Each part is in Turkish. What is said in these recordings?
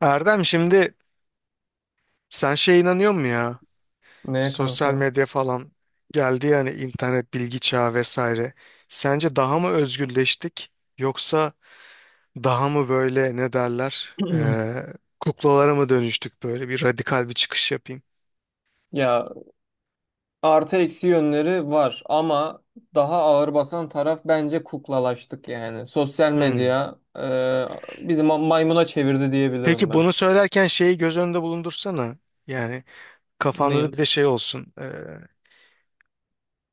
Erdem, şimdi sen şeye inanıyor musun ya? Ne Sosyal kanka? medya falan geldi yani internet bilgi çağı vesaire. Sence daha mı özgürleştik yoksa daha mı böyle ne derler kuklalara mı dönüştük, böyle bir radikal bir çıkış yapayım. Ya artı eksi yönleri var ama daha ağır basan taraf bence kuklalaştık yani. Sosyal Hmm. medya bizi maymuna çevirdi diyebilirim Peki, bunu ben. söylerken şeyi göz önünde bulundursana. Yani kafanda da Ne? bir de şey olsun.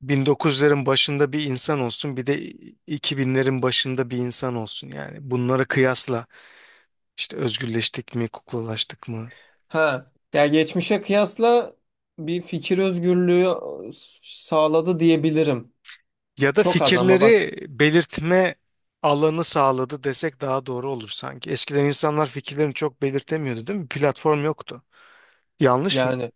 1900'lerin başında bir insan olsun, bir de 2000'lerin başında bir insan olsun, yani bunları kıyasla. İşte özgürleştik mi, kuklalaştık mı? Ha. Ya geçmişe kıyasla bir fikir özgürlüğü sağladı diyebilirim. Ya da Çok az ama bak fikirleri belirtme alanı sağladı desek daha doğru olur sanki. Eskiden insanlar fikirlerini çok belirtemiyordu, değil mi? Platform yoktu. Yanlış mı? yani.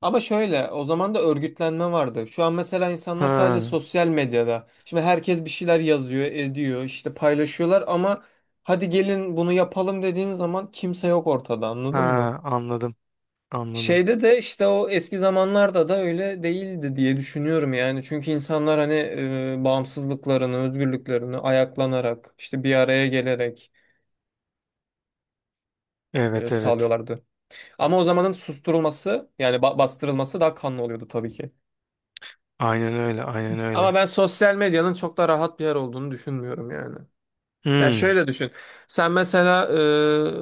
Ama şöyle o zaman da örgütlenme vardı. Şu an mesela insanlar sadece Ha, sosyal medyada. Şimdi herkes bir şeyler yazıyor, ediyor, işte paylaşıyorlar ama hadi gelin bunu yapalım dediğin zaman kimse yok ortada, anladın mı? ha, anladım, anladım. Şeyde de işte o eski zamanlarda da öyle değildi diye düşünüyorum yani. Çünkü insanlar hani bağımsızlıklarını, özgürlüklerini ayaklanarak, işte bir araya gelerek Evet, evet. sağlıyorlardı. Ama o zamanın susturulması yani bastırılması daha kanlı oluyordu tabii ki. Aynen öyle, aynen öyle. Ama ben sosyal medyanın çok da rahat bir yer olduğunu düşünmüyorum yani. Ya Hmm, şöyle düşün. Sen mesela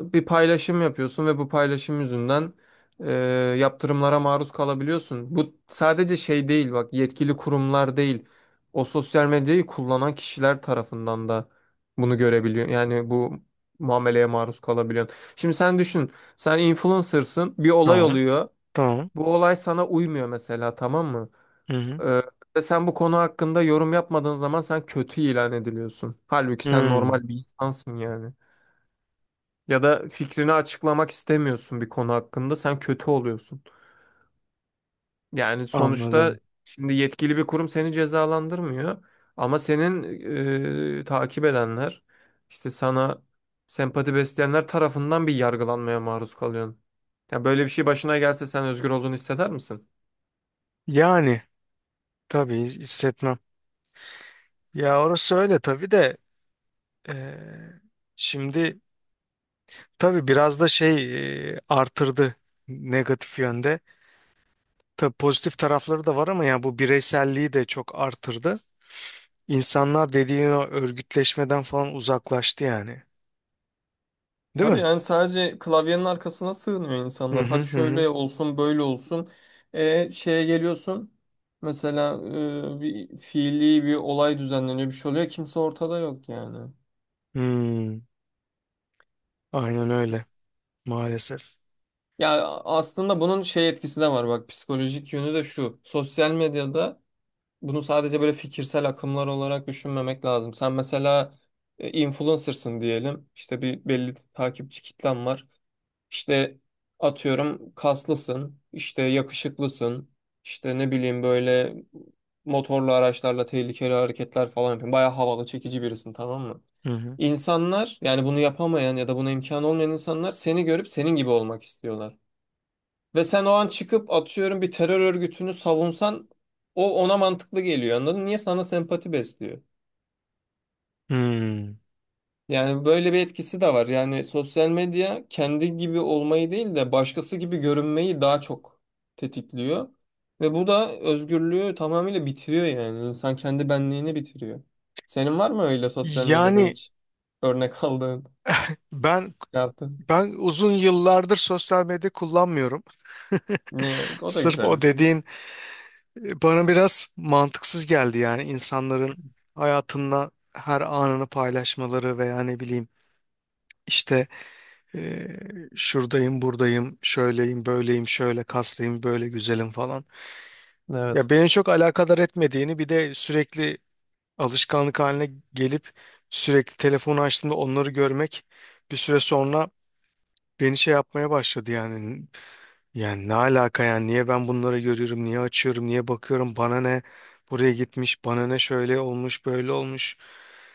bir paylaşım yapıyorsun ve bu paylaşım yüzünden e, yaptırımlara maruz kalabiliyorsun. Bu sadece şey değil bak, yetkili kurumlar değil. O sosyal medyayı kullanan kişiler tarafından da bunu görebiliyor. Yani bu muameleye maruz kalabiliyorsun. Şimdi sen düşün. Sen influencer'sın. Bir olay tamam, oluyor. tamam. Bu olay sana uymuyor mesela, tamam mı? Hı hı. Ee, Ve sen bu konu hakkında yorum yapmadığın zaman sen kötü ilan ediliyorsun. Halbuki sen Hmm, normal bir insansın yani. Ya da fikrini açıklamak istemiyorsun bir konu hakkında, sen kötü oluyorsun. Yani sonuçta anladım. şimdi yetkili bir kurum seni cezalandırmıyor ama senin takip edenler, işte sana sempati besleyenler tarafından bir yargılanmaya maruz kalıyorsun. Ya böyle bir şey başına gelse sen özgür olduğunu hisseder misin? Yani tabii hissetmem. Ya orası öyle tabii de eee, şimdi tabii biraz da artırdı negatif yönde. Tabii pozitif tarafları da var ama yani bu bireyselliği de çok artırdı. İnsanlar dediğin o örgütleşmeden falan uzaklaştı yani. Değil Tabii mi? yani sadece klavyenin arkasına sığınıyor Hı insanlar. hı Hadi hı. Hı. şöyle olsun, böyle olsun. Şeye geliyorsun. Mesela bir fiili bir olay düzenleniyor, bir şey oluyor. Kimse ortada yok yani. Hmm, aynen öyle maalesef. Ya aslında bunun şey etkisi de var bak, psikolojik yönü de şu. Sosyal medyada bunu sadece böyle fikirsel akımlar olarak düşünmemek lazım. Sen mesela influencer'sın diyelim. İşte bir belli takipçi kitlen var. İşte atıyorum kaslısın, işte yakışıklısın, işte ne bileyim böyle motorlu araçlarla tehlikeli hareketler falan yapıyorsun. Bayağı havalı, çekici birisin, tamam mı? Hı hı. İnsanlar yani bunu yapamayan ya da buna imkan olmayan insanlar seni görüp senin gibi olmak istiyorlar. Ve sen o an çıkıp atıyorum bir terör örgütünü savunsan o ona mantıklı geliyor, anladın mı? Niye sana sempati besliyor? Hmm. Yani böyle bir etkisi de var. Yani sosyal medya kendi gibi olmayı değil de başkası gibi görünmeyi daha çok tetikliyor. Ve bu da özgürlüğü tamamıyla bitiriyor yani. İnsan kendi benliğini bitiriyor. Senin var mı öyle sosyal medyada Yani hiç örnek aldığın, ben yaptın? ben uzun yıllardır sosyal medya kullanmıyorum. Ne, o da Sırf güzel o bir şey. dediğin bana biraz mantıksız geldi yani insanların hayatında her anını paylaşmaları veya ne bileyim işte e, şuradayım, buradayım, şöyleyim, böyleyim, şöyle kaslıyım, böyle güzelim falan. Evet. Ya beni çok alakadar etmediğini, bir de sürekli alışkanlık haline gelip sürekli telefonu açtığımda onları görmek bir süre sonra beni şey yapmaya başladı yani. Yani ne alaka yani, niye ben bunları görüyorum, niye açıyorum, niye bakıyorum, bana ne buraya gitmiş, bana ne şöyle olmuş, böyle olmuş.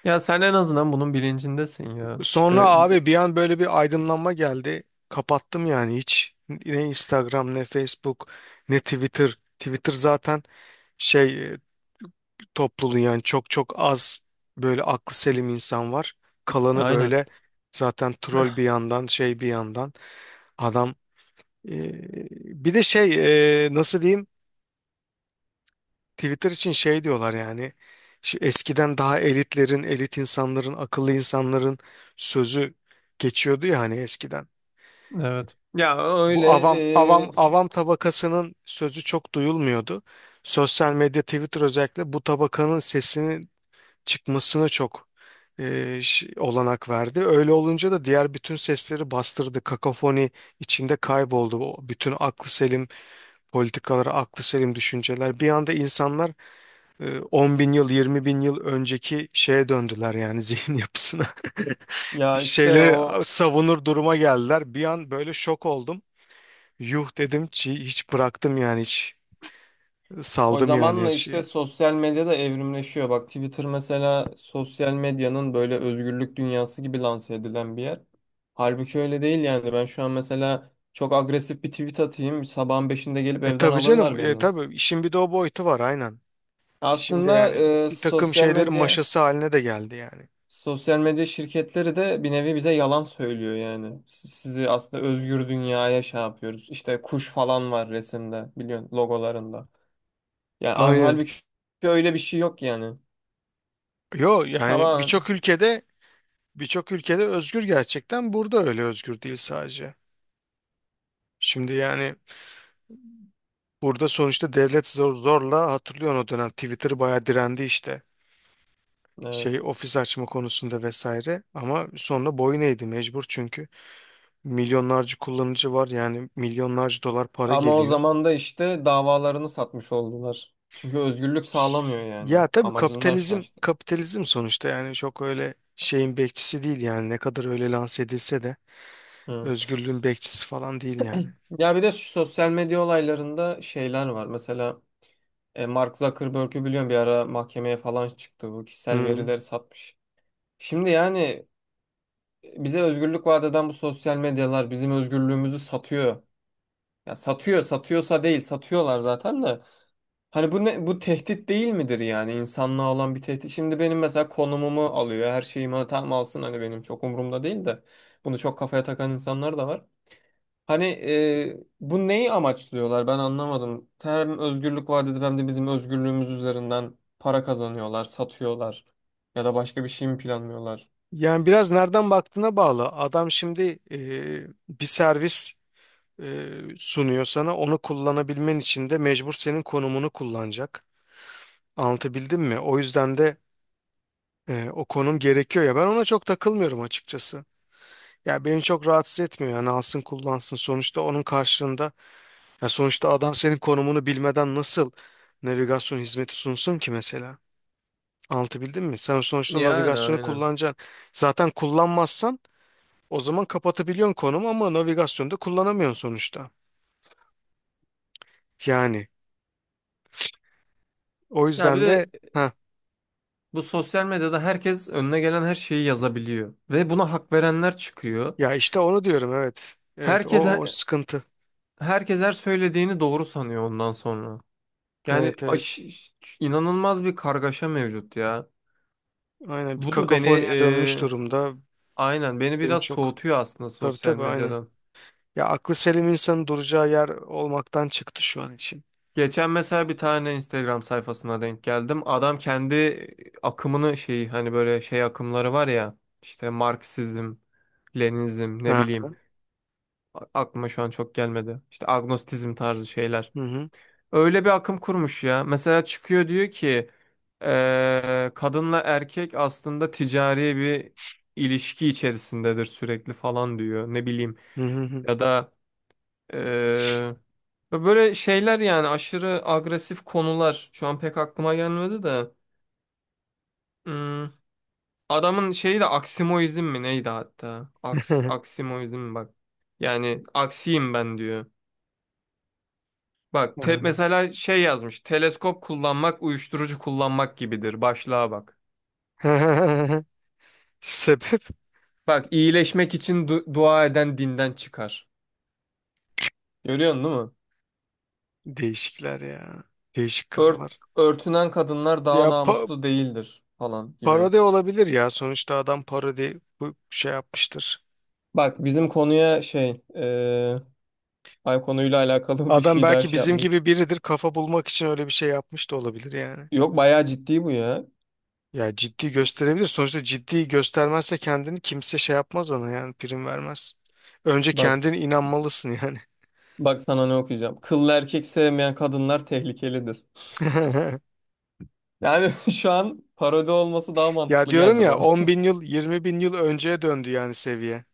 Ya sen en azından bunun bilincindesin ya. Sonra İşte abi bir an böyle bir aydınlanma geldi. Kapattım yani, hiç ne Instagram, ne Facebook, ne Twitter. Twitter zaten şey e, topluluğu yani çok çok az böyle aklı selim insan var. Kalanı aynen. böyle zaten troll bir yandan, bir yandan adam, e, bir de nasıl diyeyim, Twitter için şey diyorlar yani, şu eskiden daha elitlerin, elit insanların, akıllı insanların sözü geçiyordu ya hani, eskiden. Evet. Ya Bu öyle avam avam e, avam tabakasının sözü çok duyulmuyordu. Sosyal medya, Twitter özellikle, bu tabakanın sesinin çıkmasına çok olanak verdi. Öyle olunca da diğer bütün sesleri bastırdı. Kakafoni içinde kayboldu. O bütün aklı selim politikaları, aklı selim düşünceler. Bir anda insanlar 10 bin yıl, 20 bin yıl önceki şeye döndüler yani, zihin yapısına. Bir ya işte şeyleri o. savunur duruma geldiler. Bir an böyle şok oldum. Yuh dedim ki, hiç bıraktım yani, hiç O saldım yani her zamanla işte şeyi. sosyal medya da evrimleşiyor. Bak Twitter mesela sosyal medyanın böyle özgürlük dünyası gibi lanse edilen bir yer. Halbuki öyle değil yani. Ben şu an mesela çok agresif bir tweet atayım, sabahın beşinde gelip E evden tabii alırlar canım, beni. tabii işin bir de o boyutu var, aynen. Şimdi Aslında yani bir takım sosyal şeylerin medya maşası haline de geldi yani. Şirketleri de bir nevi bize yalan söylüyor yani. Sizi aslında özgür dünyaya şey yapıyoruz. İşte kuş falan var resimde, biliyorsun logolarında. Yani Aynen. halbuki öyle bir şey yok yani. Yo yani, Tamam. birçok ülkede özgür, gerçekten burada öyle özgür değil sadece. Şimdi yani burada sonuçta devlet zor, zorla hatırlıyorsun o dönem Twitter bayağı direndi işte. Şey Evet. ofis açma konusunda vesaire, ama sonra boyun eğdi mecbur, çünkü milyonlarca kullanıcı var yani, milyonlarca dolar para Ama o geliyor. zaman da işte davalarını satmış oldular. Çünkü özgürlük sağlamıyor yani. Ya tabii, Amacından kapitalizm şaştı. kapitalizm sonuçta yani, çok öyle şeyin bekçisi değil yani, ne kadar öyle lanse edilse de Hı. özgürlüğün bekçisi falan değil yani. Ya bir de şu sosyal medya olaylarında şeyler var. Mesela Mark Zuckerberg'ü biliyorum bir ara mahkemeye falan çıktı. Bu kişisel Hı. verileri satmış. Şimdi yani bize özgürlük vaat eden bu sosyal medyalar bizim özgürlüğümüzü satıyor. Ya satıyor, satıyorsa değil, satıyorlar zaten de. Hani bu ne, bu tehdit değil midir yani, insanlığa olan bir tehdit? Şimdi benim mesela konumumu alıyor, her şeyimi tam alsın, hani benim çok umurumda değil de bunu çok kafaya takan insanlar da var. Hani bu neyi amaçlıyorlar ben anlamadım. Hem özgürlük vaat edip hem de bizim özgürlüğümüz üzerinden para kazanıyorlar, satıyorlar ya da başka bir şey mi planlıyorlar? Yani biraz nereden baktığına bağlı. Adam şimdi bir servis sunuyor sana. Onu kullanabilmen için de mecbur senin konumunu kullanacak. Anlatabildim mi? O yüzden de o konum gerekiyor ya. Ben ona çok takılmıyorum açıkçası. Ya beni çok rahatsız etmiyor. Yani alsın kullansın. Sonuçta onun karşılığında ya, sonuçta adam senin konumunu bilmeden nasıl navigasyon hizmeti sunsun ki mesela? Anlatabildim mi? Sen sonuçta Yani navigasyonu aynen. kullanacaksın. Zaten kullanmazsan o zaman kapatabiliyorsun konumu, ama navigasyonda kullanamıyorsun sonuçta. Yani o Ya bir yüzden de de heh, bu sosyal medyada herkes önüne gelen her şeyi yazabiliyor ve buna hak verenler çıkıyor. Ya işte onu diyorum, evet. Evet, Herkes o sıkıntı. herkes her söylediğini doğru sanıyor ondan sonra. Yani Evet, evet. İnanılmaz bir kargaşa mevcut ya. Aynen, bir Bu da beni kakofoniye dönmüş durumda. aynen beni Beni biraz çok. soğutuyor aslında Tabii sosyal tabii, aynen. medyadan. Ya aklı selim insanın duracağı yer olmaktan çıktı şu an için. Geçen mesela bir tane Instagram sayfasına denk geldim. Adam kendi akımını şey, hani böyle şey akımları var ya, işte Marksizm, Leninizm, ne Ha. bileyim, aklıma şu an çok gelmedi. İşte agnostizm tarzı şeyler. Hı hı. Öyle bir akım kurmuş ya. Mesela çıkıyor diyor ki kadınla erkek aslında ticari bir ilişki içerisindedir sürekli falan diyor. Ne bileyim, Hı hı. ya da ve böyle şeyler yani, aşırı agresif konular. Şu an pek aklıma gelmedi de. Hmm, adamın şeyi de aksimoizm mi neydi hatta? Hı. Aksimoizm mi, bak. Yani aksiyim ben diyor. Bak, mesela şey yazmış. Teleskop kullanmak uyuşturucu kullanmak gibidir. Başlığa bak. Ha. Sebep Bak, iyileşmek için dua eden dinden çıkar. Görüyorsun değil mi? değişikler ya. Değişik Ört- kafalar. Örtünen kadınlar daha Ya namuslu değildir falan gibi. parodi olabilir ya. Sonuçta adam parodi, bu şey yapmıştır. Bak bizim konuya şey... Ay, konuyla alakalı bir Adam şey daha belki şey bizim yapmış. gibi biridir. Kafa bulmak için öyle bir şey yapmış da olabilir yani. Yok, bayağı ciddi bu ya. Ya ciddi gösterebilir. Sonuçta ciddi göstermezse kendini, kimse şey yapmaz ona yani, prim vermez. Önce Bak. kendine inanmalısın yani. Bak sana ne okuyacağım. Kıllı erkek sevmeyen kadınlar tehlikelidir. Yani şu an parodi olması daha Ya mantıklı diyorum geldi ya, bana. 10 bin yıl, 20 bin yıl önceye döndü yani seviye.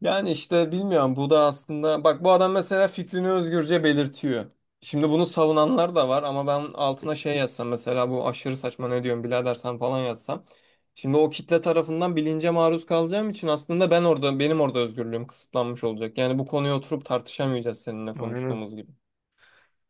Yani işte bilmiyorum, bu da aslında bak, bu adam mesela fikrini özgürce belirtiyor. Şimdi bunu savunanlar da var ama ben altına şey yazsam mesela, bu aşırı saçma ne diyorsun birader sen falan yazsam. Şimdi o kitle tarafından bilince maruz kalacağım için aslında ben orada benim orada özgürlüğüm kısıtlanmış olacak. Yani bu konuyu oturup tartışamayacağız seninle Aynen. konuştuğumuz gibi.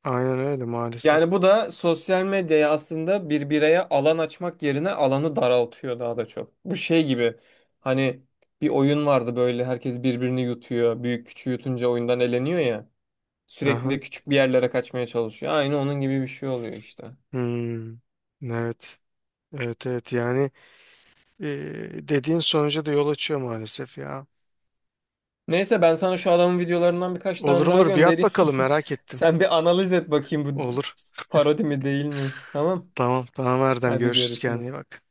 Aynen öyle maalesef. Yani bu da sosyal medyaya aslında bir bireye alan açmak yerine alanı daraltıyor daha da çok. Bu şey gibi, hani bir oyun vardı böyle, herkes birbirini yutuyor. Büyük küçüğü yutunca oyundan eleniyor ya. Aha. Sürekli küçük bir yerlere kaçmaya çalışıyor. Aynı onun gibi bir şey oluyor işte. Hmm. Evet. Evet, evet yani e, dediğin sonuca da yol açıyor maalesef ya. Neyse, ben sana şu adamın videolarından birkaç Olur tane daha olur, bir at göndereyim. bakalım, merak ettim. Sen bir analiz et bakayım, bu Olur. parodi mi değil mi? Tamam. Tamam tamam Erdem, Hadi görüşürüz, kendine iyi görüşürüz. bak.